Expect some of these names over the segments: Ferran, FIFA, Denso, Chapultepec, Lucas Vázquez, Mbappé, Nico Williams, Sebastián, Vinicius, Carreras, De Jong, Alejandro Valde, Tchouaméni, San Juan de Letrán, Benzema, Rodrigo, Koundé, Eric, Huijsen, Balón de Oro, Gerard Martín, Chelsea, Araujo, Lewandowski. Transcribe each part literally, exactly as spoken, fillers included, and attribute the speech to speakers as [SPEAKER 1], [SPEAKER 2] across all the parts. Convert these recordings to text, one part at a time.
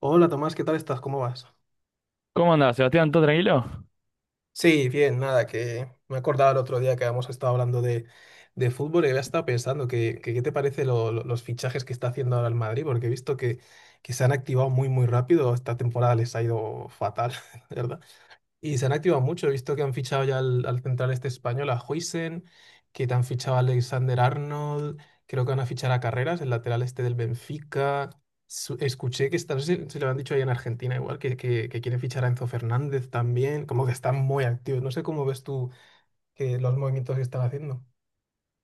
[SPEAKER 1] Hola Tomás, ¿qué tal estás? ¿Cómo vas?
[SPEAKER 2] ¿Cómo andás, Sebastián? ¿Todo tranquilo?
[SPEAKER 1] Sí, bien, nada, que me acordaba el otro día que habíamos estado hablando de, de fútbol y había estado pensando que, que qué te parece lo- lo- los fichajes que está haciendo ahora el Madrid, porque he visto que, que se han activado muy, muy rápido. Esta temporada les ha ido fatal, ¿verdad? Y se han activado mucho. He visto que han fichado ya al, al central este español, a Huijsen, que te han fichado a Alexander Arnold. Creo que van a fichar a Carreras, el lateral este del Benfica. Su- escuché que está, no sé si, si lo han dicho ahí en Argentina, igual, que, que, que quieren fichar a Enzo Fernández también. Como que están muy activos. No sé cómo ves tú que los movimientos que están haciendo.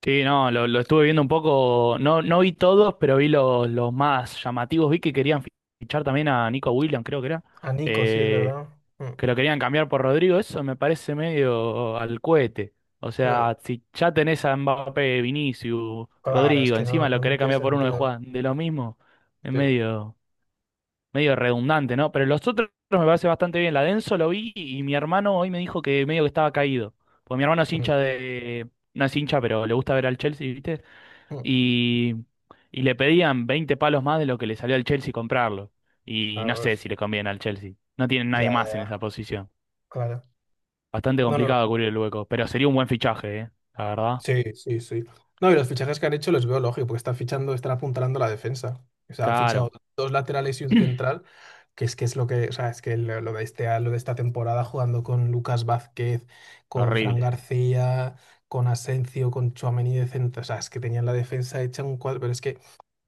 [SPEAKER 2] Sí, no, lo, lo estuve viendo un poco, no, no vi todos, pero vi los, los más llamativos. Vi que querían fi- fichar también a Nico Williams, creo que era,
[SPEAKER 1] A Nico, sí, es
[SPEAKER 2] eh,
[SPEAKER 1] verdad. Mm.
[SPEAKER 2] que lo querían cambiar por Rodrigo, eso me parece medio al cohete. O
[SPEAKER 1] mm.
[SPEAKER 2] sea, si ya tenés a Mbappé, Vinicius,
[SPEAKER 1] Claro, es
[SPEAKER 2] Rodrigo,
[SPEAKER 1] que no,
[SPEAKER 2] encima lo
[SPEAKER 1] no no
[SPEAKER 2] querés
[SPEAKER 1] tiene
[SPEAKER 2] cambiar por uno de
[SPEAKER 1] sentido.
[SPEAKER 2] Juan, de lo mismo, es
[SPEAKER 1] Sí.
[SPEAKER 2] medio... medio redundante, ¿no? Pero los otros me parece bastante bien. La Denso lo vi y mi hermano hoy me dijo que medio que estaba caído. Porque mi hermano es
[SPEAKER 1] Mm,
[SPEAKER 2] hincha de. No es hincha, pero le gusta ver al Chelsea, ¿viste?
[SPEAKER 1] mm.
[SPEAKER 2] Y, y le pedían veinte palos más de lo que le salió al Chelsea comprarlo. Y
[SPEAKER 1] Ah,
[SPEAKER 2] no sé
[SPEAKER 1] pues,
[SPEAKER 2] si le conviene al Chelsea. No tienen nadie
[SPEAKER 1] ya, ya,
[SPEAKER 2] más en
[SPEAKER 1] ya.
[SPEAKER 2] esa posición.
[SPEAKER 1] Claro.
[SPEAKER 2] Bastante
[SPEAKER 1] No, no.
[SPEAKER 2] complicado cubrir el hueco. Pero sería un buen fichaje, ¿eh? La verdad.
[SPEAKER 1] Sí, sí, sí. No, y los fichajes que han hecho los veo lógico, porque están fichando, están apuntalando la defensa. O sea, han fichado
[SPEAKER 2] Caro.
[SPEAKER 1] dos laterales y un central, que es que es lo que, o sea, es que lo, lo de este, lo de esta temporada jugando con Lucas Vázquez, con Fran
[SPEAKER 2] Horrible.
[SPEAKER 1] García, con Asencio, con Tchouaméni de centro, o sea, es que tenían la defensa hecha un cuadro, pero es que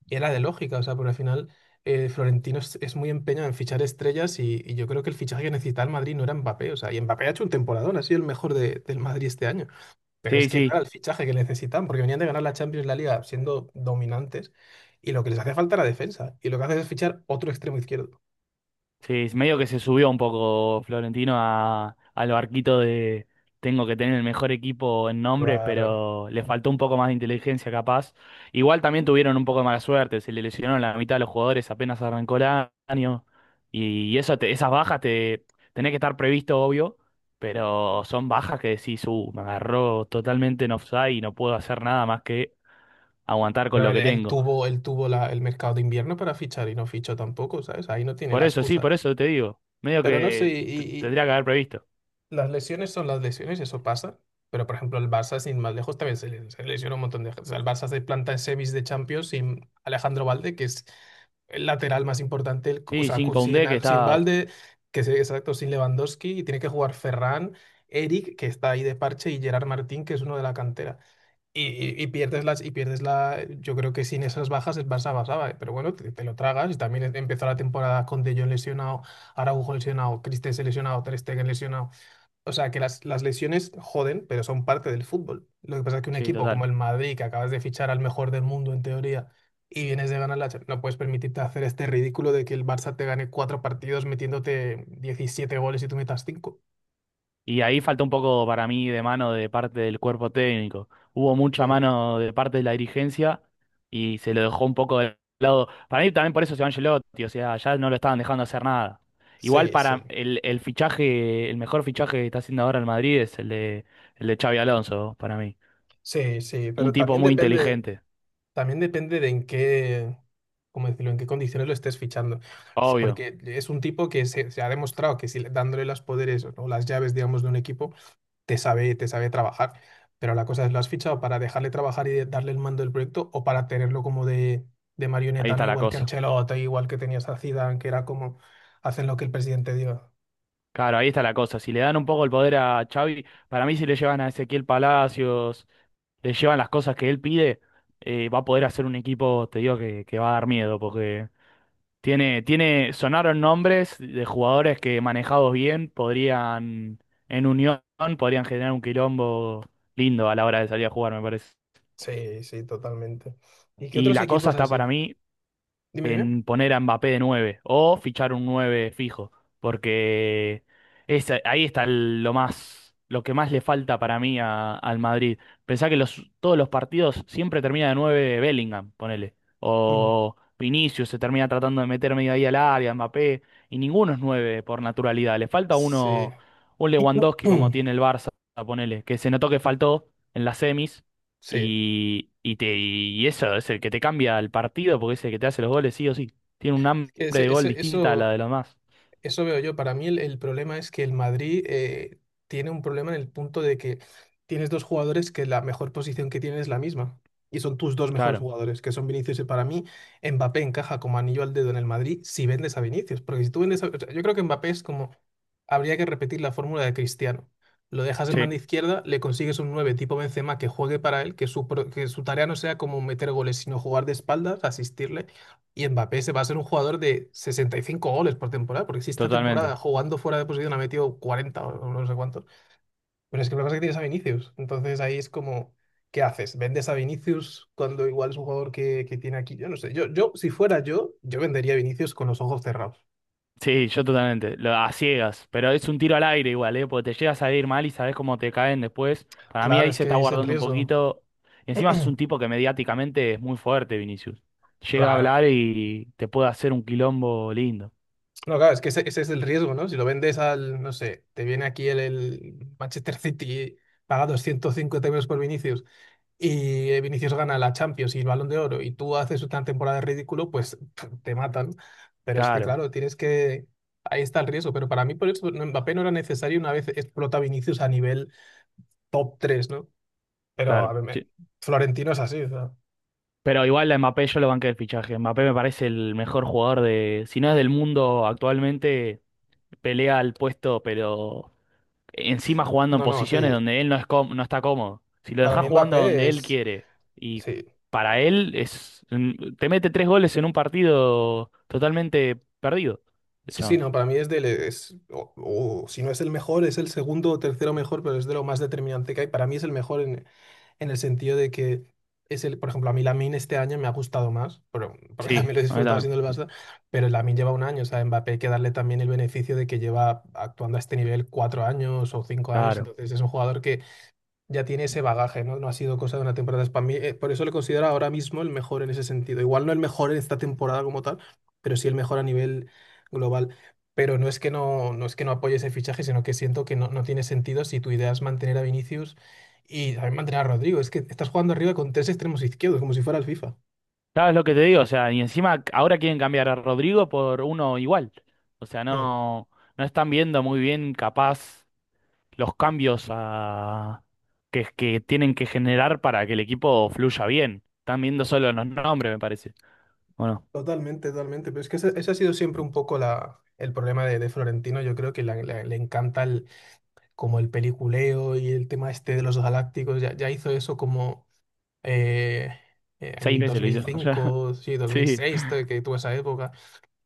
[SPEAKER 1] era de lógica. O sea, porque al final eh, Florentino es, es muy empeñado en fichar estrellas y, y yo creo que el fichaje que necesitaba el Madrid no era Mbappé, o sea, y Mbappé ha hecho un temporadón, ha sido el mejor de- del Madrid este año. Pero es
[SPEAKER 2] Sí,
[SPEAKER 1] que no era
[SPEAKER 2] sí.
[SPEAKER 1] el fichaje que necesitaban, porque venían de ganar la Champions y la Liga siendo dominantes, y lo que les hace falta era defensa, y lo que hace es fichar otro extremo izquierdo.
[SPEAKER 2] Sí, es medio que se subió un poco Florentino a, al barquito de tengo que tener el mejor equipo en nombres,
[SPEAKER 1] Claro.
[SPEAKER 2] pero le faltó un poco más de inteligencia capaz. Igual también tuvieron un poco de mala suerte, se le lesionaron la mitad de los jugadores apenas arrancó el año y eso te- esas bajas te tenés que estar previsto, obvio, pero son bajas que decís, uh, me agarró totalmente en offside y no puedo hacer nada más que aguantar con
[SPEAKER 1] Pero
[SPEAKER 2] lo
[SPEAKER 1] él,
[SPEAKER 2] que
[SPEAKER 1] él
[SPEAKER 2] tengo.
[SPEAKER 1] tuvo, él tuvo la- el mercado de invierno para fichar y no fichó tampoco, ¿sabes? Ahí no tiene
[SPEAKER 2] Por
[SPEAKER 1] la
[SPEAKER 2] eso, sí,
[SPEAKER 1] excusa.
[SPEAKER 2] por eso te digo, medio
[SPEAKER 1] Pero no sé,
[SPEAKER 2] que t-
[SPEAKER 1] y,
[SPEAKER 2] tendría que haber previsto.
[SPEAKER 1] las lesiones son las lesiones, eso pasa. Pero, por ejemplo, el Barça, sin más lejos, también se, le- se lesionó un montón de gente. O sea, el Barça se planta en semis de Champions sin Alejandro Valde, que es el lateral más importante. el- O
[SPEAKER 2] Sí,
[SPEAKER 1] sea,
[SPEAKER 2] sin
[SPEAKER 1] con- sin,
[SPEAKER 2] Koundé que
[SPEAKER 1] al- sin
[SPEAKER 2] está,
[SPEAKER 1] Valde, que es exacto, sin Lewandowski, y tiene que jugar Ferran, Eric, que está ahí de parche, y Gerard Martín, que es uno de la cantera. Y, y- y pierdes las, y pierdes la. Yo creo que sin esas bajas el Barça pasaba, ¿eh? Pero bueno, te, te lo tragas. Y también empezó la temporada con De Jong lesionado. Araujo lesionado, Christensen lesionado, Ter Stegen lesionado. O sea, que las, las lesiones joden, pero son parte del fútbol. Lo que pasa es que un
[SPEAKER 2] sí,
[SPEAKER 1] equipo como
[SPEAKER 2] total.
[SPEAKER 1] el Madrid, que acabas de fichar al mejor del mundo en teoría, y vienes de ganar la Champions, no puedes permitirte hacer este ridículo de que el Barça te gane cuatro partidos metiéndote diecisiete goles y tú metas cinco.
[SPEAKER 2] Y ahí falta un poco para mí de mano de parte del cuerpo técnico. Hubo mucha
[SPEAKER 1] Mm.
[SPEAKER 2] mano de parte de la dirigencia y se lo dejó un poco de lado. Para mí también por eso se va Ancelotti, o sea, ya no lo estaban dejando hacer nada. Igual
[SPEAKER 1] Sí, sí,
[SPEAKER 2] para el, el fichaje, el mejor fichaje que está haciendo ahora el Madrid es el de, el de Xavi Alonso, para mí.
[SPEAKER 1] sí, sí,
[SPEAKER 2] Un
[SPEAKER 1] pero
[SPEAKER 2] tipo
[SPEAKER 1] también
[SPEAKER 2] muy
[SPEAKER 1] depende,
[SPEAKER 2] inteligente,
[SPEAKER 1] también depende de en qué, cómo decirlo, en qué condiciones lo estés fichando. Es
[SPEAKER 2] obvio.
[SPEAKER 1] porque es un tipo que se, se ha demostrado que si le- dándole los poderes o las llaves, digamos, de un equipo te sabe, te sabe trabajar. Pero la cosa es, ¿lo has fichado para dejarle trabajar y darle el mando del proyecto o para tenerlo como de, de
[SPEAKER 2] Ahí
[SPEAKER 1] marioneta, ¿no?
[SPEAKER 2] está la
[SPEAKER 1] Igual que
[SPEAKER 2] cosa.
[SPEAKER 1] Ancelotti, igual que tenías a Zidane, que era como hacen lo que el presidente diga.
[SPEAKER 2] Claro, ahí está la cosa. Si le dan un poco el poder a Xavi, para mí si le llevan a Ezequiel Palacios le llevan las cosas que él pide, eh, va a poder hacer un equipo, te digo, que, que va a dar miedo, porque tiene, tiene, sonaron nombres de jugadores que manejados bien podrían, en unión, podrían generar un quilombo lindo a la hora de salir a jugar, me parece.
[SPEAKER 1] Sí, sí, totalmente. ¿Y qué
[SPEAKER 2] Y
[SPEAKER 1] otros
[SPEAKER 2] la cosa
[SPEAKER 1] equipos
[SPEAKER 2] está
[SPEAKER 1] así?
[SPEAKER 2] para mí
[SPEAKER 1] Dime, dime.
[SPEAKER 2] en poner a Mbappé de nueve o fichar un nueve fijo, porque es, ahí está el- lo más, lo que más le falta para mí a- al Madrid. Pensá que los, todos los partidos siempre termina de nueve Bellingham, ponele,
[SPEAKER 1] Mm.
[SPEAKER 2] o Vinicius se termina tratando de meter media ahí al área, Mbappé, y ninguno es nueve por naturalidad. Le falta
[SPEAKER 1] Sí.
[SPEAKER 2] uno, un Lewandowski como tiene el Barça, ponele, que se notó que faltó en las semis.
[SPEAKER 1] Sí,
[SPEAKER 2] Y, y, te, y eso es el que te cambia el partido porque es el que te hace los goles, sí o sí. Tiene un
[SPEAKER 1] es
[SPEAKER 2] hambre
[SPEAKER 1] que
[SPEAKER 2] de
[SPEAKER 1] ese-
[SPEAKER 2] gol
[SPEAKER 1] ese-
[SPEAKER 2] distinta a
[SPEAKER 1] eso,
[SPEAKER 2] la de los demás.
[SPEAKER 1] eso veo yo. Para mí el, el problema es que el Madrid eh, tiene un problema en el punto de que tienes dos jugadores que la mejor posición que tienen es la misma. Y son tus dos mejores
[SPEAKER 2] Claro,
[SPEAKER 1] jugadores, que son Vinicius y para mí Mbappé encaja como anillo al dedo en el Madrid si vendes a Vinicius. Porque si tú vendes a... o sea, yo creo que Mbappé es como... Habría que repetir la fórmula de Cristiano. Lo dejas en
[SPEAKER 2] sí,
[SPEAKER 1] banda izquierda, le consigues un nueve tipo Benzema que juegue para él, que su, pro- que su tarea no sea como meter goles, sino jugar de espaldas, asistirle, y Mbappé se va a ser un jugador de sesenta y cinco goles por temporada, porque si esta temporada
[SPEAKER 2] totalmente.
[SPEAKER 1] jugando fuera de posición ha metido cuarenta o no sé cuántos. Pero es que lo que pasa es que tienes a Vinicius. Entonces ahí es como, ¿qué haces? ¿Vendes a Vinicius cuando igual es un jugador que, que tiene aquí? Yo no sé. Yo, yo, si fuera yo, yo vendería a Vinicius con los ojos cerrados.
[SPEAKER 2] Sí, yo totalmente. Lo, a ciegas, pero es un tiro al aire igual, ¿eh? Porque te llegas a ir mal y sabes cómo te caen después. Para mí
[SPEAKER 1] Claro,
[SPEAKER 2] ahí
[SPEAKER 1] es
[SPEAKER 2] se está
[SPEAKER 1] que es el
[SPEAKER 2] guardando un
[SPEAKER 1] riesgo.
[SPEAKER 2] poquito. Encima es un tipo que mediáticamente es muy fuerte, Vinicius. Llega a
[SPEAKER 1] Claro.
[SPEAKER 2] hablar y te puede hacer un quilombo lindo.
[SPEAKER 1] No, claro, es que ese, ese es el riesgo, ¿no? Si lo vendes al, no sé, te viene aquí el, el Manchester City, paga doscientos cincuenta euros por Vinicius y eh, Vinicius gana la Champions y el Balón de Oro y tú haces una temporada de ridículo, pues te matan. Pero es que,
[SPEAKER 2] Claro,
[SPEAKER 1] claro, tienes que... Ahí está el riesgo, pero para mí por eso Mbappé no era necesario una vez explota Vinicius a nivel top tres, ¿no? Pero a
[SPEAKER 2] claro.
[SPEAKER 1] ver, me- Florentino es así, o sea,
[SPEAKER 2] Pero igual a Mbappé yo lo banqué el fichaje. Mbappé me parece el mejor jugador de, si no es del mundo actualmente, pelea al puesto, pero encima jugando en
[SPEAKER 1] no, no,
[SPEAKER 2] posiciones
[SPEAKER 1] sí.
[SPEAKER 2] donde él no es cóm- no está cómodo. Si lo
[SPEAKER 1] Para
[SPEAKER 2] dejás
[SPEAKER 1] mí
[SPEAKER 2] jugando
[SPEAKER 1] Mbappé
[SPEAKER 2] donde él
[SPEAKER 1] es...
[SPEAKER 2] quiere y
[SPEAKER 1] Sí,
[SPEAKER 2] para él es mm, te mete tres goles en un partido totalmente perdido, el
[SPEAKER 1] sí, sí,
[SPEAKER 2] chabón.
[SPEAKER 1] no, para mí es del... Es... o- o si no es el mejor, es el segundo o tercero mejor, pero es de lo más determinante que hay. Para mí es el mejor en, en el sentido de que es el, por ejemplo, a mí Lamine este año me ha gustado más, pero, porque
[SPEAKER 2] Sí,
[SPEAKER 1] también lo he
[SPEAKER 2] a mí
[SPEAKER 1] disfrutado
[SPEAKER 2] también.
[SPEAKER 1] siendo el Barça, pero Lamine lleva un año. O sea, a Mbappé hay que darle también el beneficio de que lleva actuando a este nivel cuatro años o cinco años,
[SPEAKER 2] Claro.
[SPEAKER 1] entonces es un jugador que ya tiene ese bagaje, ¿no? No ha sido cosa de una temporada. Es para mí, eh, por eso le considero ahora mismo el mejor en ese sentido. Igual no el mejor en esta temporada como tal, pero sí el mejor a nivel global. Pero no es que no, no es que no apoye ese fichaje, sino que siento que no, no tiene sentido si tu idea es mantener a Vinicius y también mantener a Rodrigo. Es que estás jugando arriba con tres extremos izquierdos, como si fuera el FIFA.
[SPEAKER 2] ¿Sabes lo que te digo? O sea, y encima ahora quieren cambiar a Rodrigo por uno igual. O sea,
[SPEAKER 1] Mm.
[SPEAKER 2] no, no, están viendo muy bien capaz. Los cambios a- que, que tienen que generar para que el equipo fluya bien. Están viendo solo los nombres, me parece. Bueno,
[SPEAKER 1] Totalmente, totalmente. Pero es que ese, ese ha sido siempre un poco la, el problema de, de Florentino. Yo creo que la- la- le encanta como el peliculeo y el tema este de los galácticos. Ya, ya hizo eso como eh, eh, en
[SPEAKER 2] seis
[SPEAKER 1] el
[SPEAKER 2] veces lo hizo. Ya.
[SPEAKER 1] dos mil cinco, sí,
[SPEAKER 2] Sí,
[SPEAKER 1] dos mil seis, te- que tuvo esa época.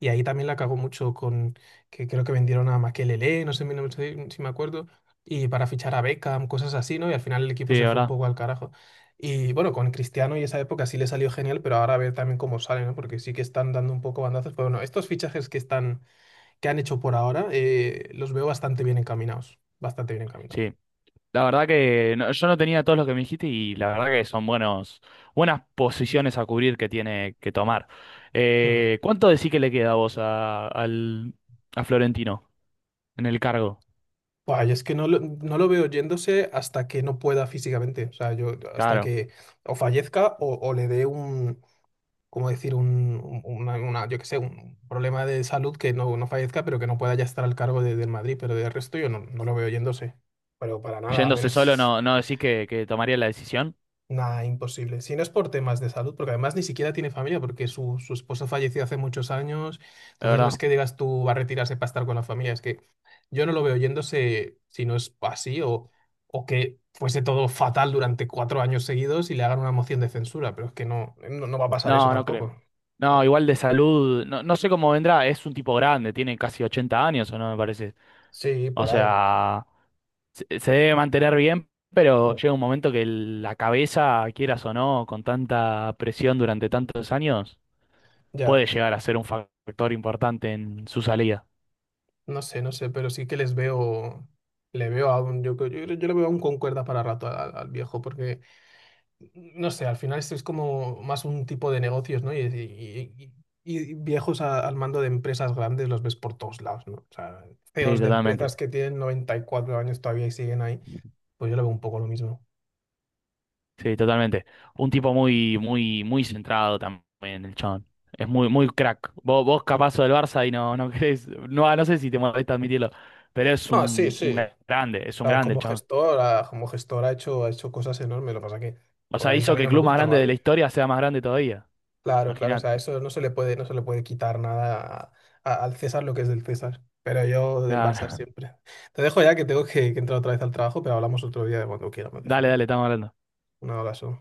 [SPEAKER 1] Y ahí también la cagó mucho con que creo que vendieron a Makelele, no sé, no sé si me acuerdo, y para fichar a Beckham, cosas así, ¿no? Y al final el equipo
[SPEAKER 2] sí,
[SPEAKER 1] se
[SPEAKER 2] de
[SPEAKER 1] fue un
[SPEAKER 2] verdad.
[SPEAKER 1] poco al carajo. Y bueno, con Cristiano y esa época sí le salió genial, pero ahora a ver también cómo sale, ¿no? Porque sí que están dando un poco bandazos. Pero bueno, estos fichajes que están, que han hecho por ahora, eh, los veo bastante bien encaminados. Bastante bien encaminados.
[SPEAKER 2] Sí. La verdad que no- yo no tenía todos los que me dijiste y la verdad que son buenos, buenas posiciones a cubrir que tiene que tomar.
[SPEAKER 1] Mm.
[SPEAKER 2] Eh, ¿cuánto decís que le queda a vos a, al, a Florentino en el cargo?
[SPEAKER 1] Buah, yo es que no lo, no lo veo yéndose hasta que no pueda físicamente. O sea, yo hasta
[SPEAKER 2] Claro.
[SPEAKER 1] que o fallezca o, o le dé un, ¿cómo decir? Un, un- una, una- yo qué sé, un problema de salud que no, no fallezca, pero que no pueda ya estar al cargo de- del Madrid. Pero de resto yo no, no lo veo yéndose. Pero para nada, a
[SPEAKER 2] Yéndose solo,
[SPEAKER 1] menos.
[SPEAKER 2] no, no decís que, que tomaría la decisión,
[SPEAKER 1] Nada, imposible. Si no es por temas de salud, porque además ni siquiera tiene familia, porque su, su esposa falleció hace muchos años.
[SPEAKER 2] la
[SPEAKER 1] Entonces no es
[SPEAKER 2] verdad.
[SPEAKER 1] que digas tú va a retirarse para estar con la familia, es que yo no lo veo yéndose si no es así o, o que fuese todo fatal durante cuatro años seguidos y le hagan una moción de censura, pero es que no, no, no va a pasar eso
[SPEAKER 2] No, no creo.
[SPEAKER 1] tampoco.
[SPEAKER 2] No,
[SPEAKER 1] Claro.
[SPEAKER 2] igual de salud, no, no sé cómo vendrá, es un tipo grande, tiene casi ochenta años o no, me parece.
[SPEAKER 1] Sí,
[SPEAKER 2] O
[SPEAKER 1] por ahí.
[SPEAKER 2] sea, se, se debe mantener bien, pero llega un momento que el- la cabeza, quieras o no, con tanta presión durante tantos años, puede
[SPEAKER 1] Ya,
[SPEAKER 2] llegar a ser un factor importante en su salida.
[SPEAKER 1] no sé, no sé, pero sí que les veo, le veo a un, yo, creo- yo, creo- yo le veo aún con cuerda para rato al, al viejo, porque... no sé, al final esto es como más un tipo de negocios, ¿no? Y, y- y- y viejos a- al mando de empresas grandes los ves por todos lados, ¿no? O sea,
[SPEAKER 2] Sí,
[SPEAKER 1] C E Os de
[SPEAKER 2] totalmente.
[SPEAKER 1] empresas que tienen noventa y cuatro años todavía y siguen ahí, pues yo lo veo un poco lo mismo.
[SPEAKER 2] Sí, totalmente. Un tipo muy, muy, muy centrado también, el chabón. Es muy, muy crack. Vos, vos capazo del Barça y no, no querés, no, ah, no sé si te molesta admitirlo, pero es
[SPEAKER 1] No, sí,
[SPEAKER 2] un, un
[SPEAKER 1] sí.
[SPEAKER 2] grande, es
[SPEAKER 1] O
[SPEAKER 2] un
[SPEAKER 1] sea,
[SPEAKER 2] grande el
[SPEAKER 1] como
[SPEAKER 2] chabón.
[SPEAKER 1] gestor, ah, como gestor ha hecho, ha hecho cosas enormes. Lo que pasa que,
[SPEAKER 2] O sea,
[SPEAKER 1] obviamente, a
[SPEAKER 2] hizo
[SPEAKER 1] mí
[SPEAKER 2] que el
[SPEAKER 1] no me
[SPEAKER 2] club más
[SPEAKER 1] gusta el
[SPEAKER 2] grande de la
[SPEAKER 1] Madrid.
[SPEAKER 2] historia sea más grande todavía.
[SPEAKER 1] Claro, claro, o
[SPEAKER 2] Imaginate.
[SPEAKER 1] sea, eso no se le puede, no se le puede quitar nada a- a- al César lo que es del César, pero yo del Barça
[SPEAKER 2] Claro.
[SPEAKER 1] siempre. Te dejo ya que tengo que, que entrar otra vez al trabajo, pero hablamos otro día de cuando quieramos de
[SPEAKER 2] Dale,
[SPEAKER 1] fútbol.
[SPEAKER 2] dale, estamos hablando.
[SPEAKER 1] Un abrazo.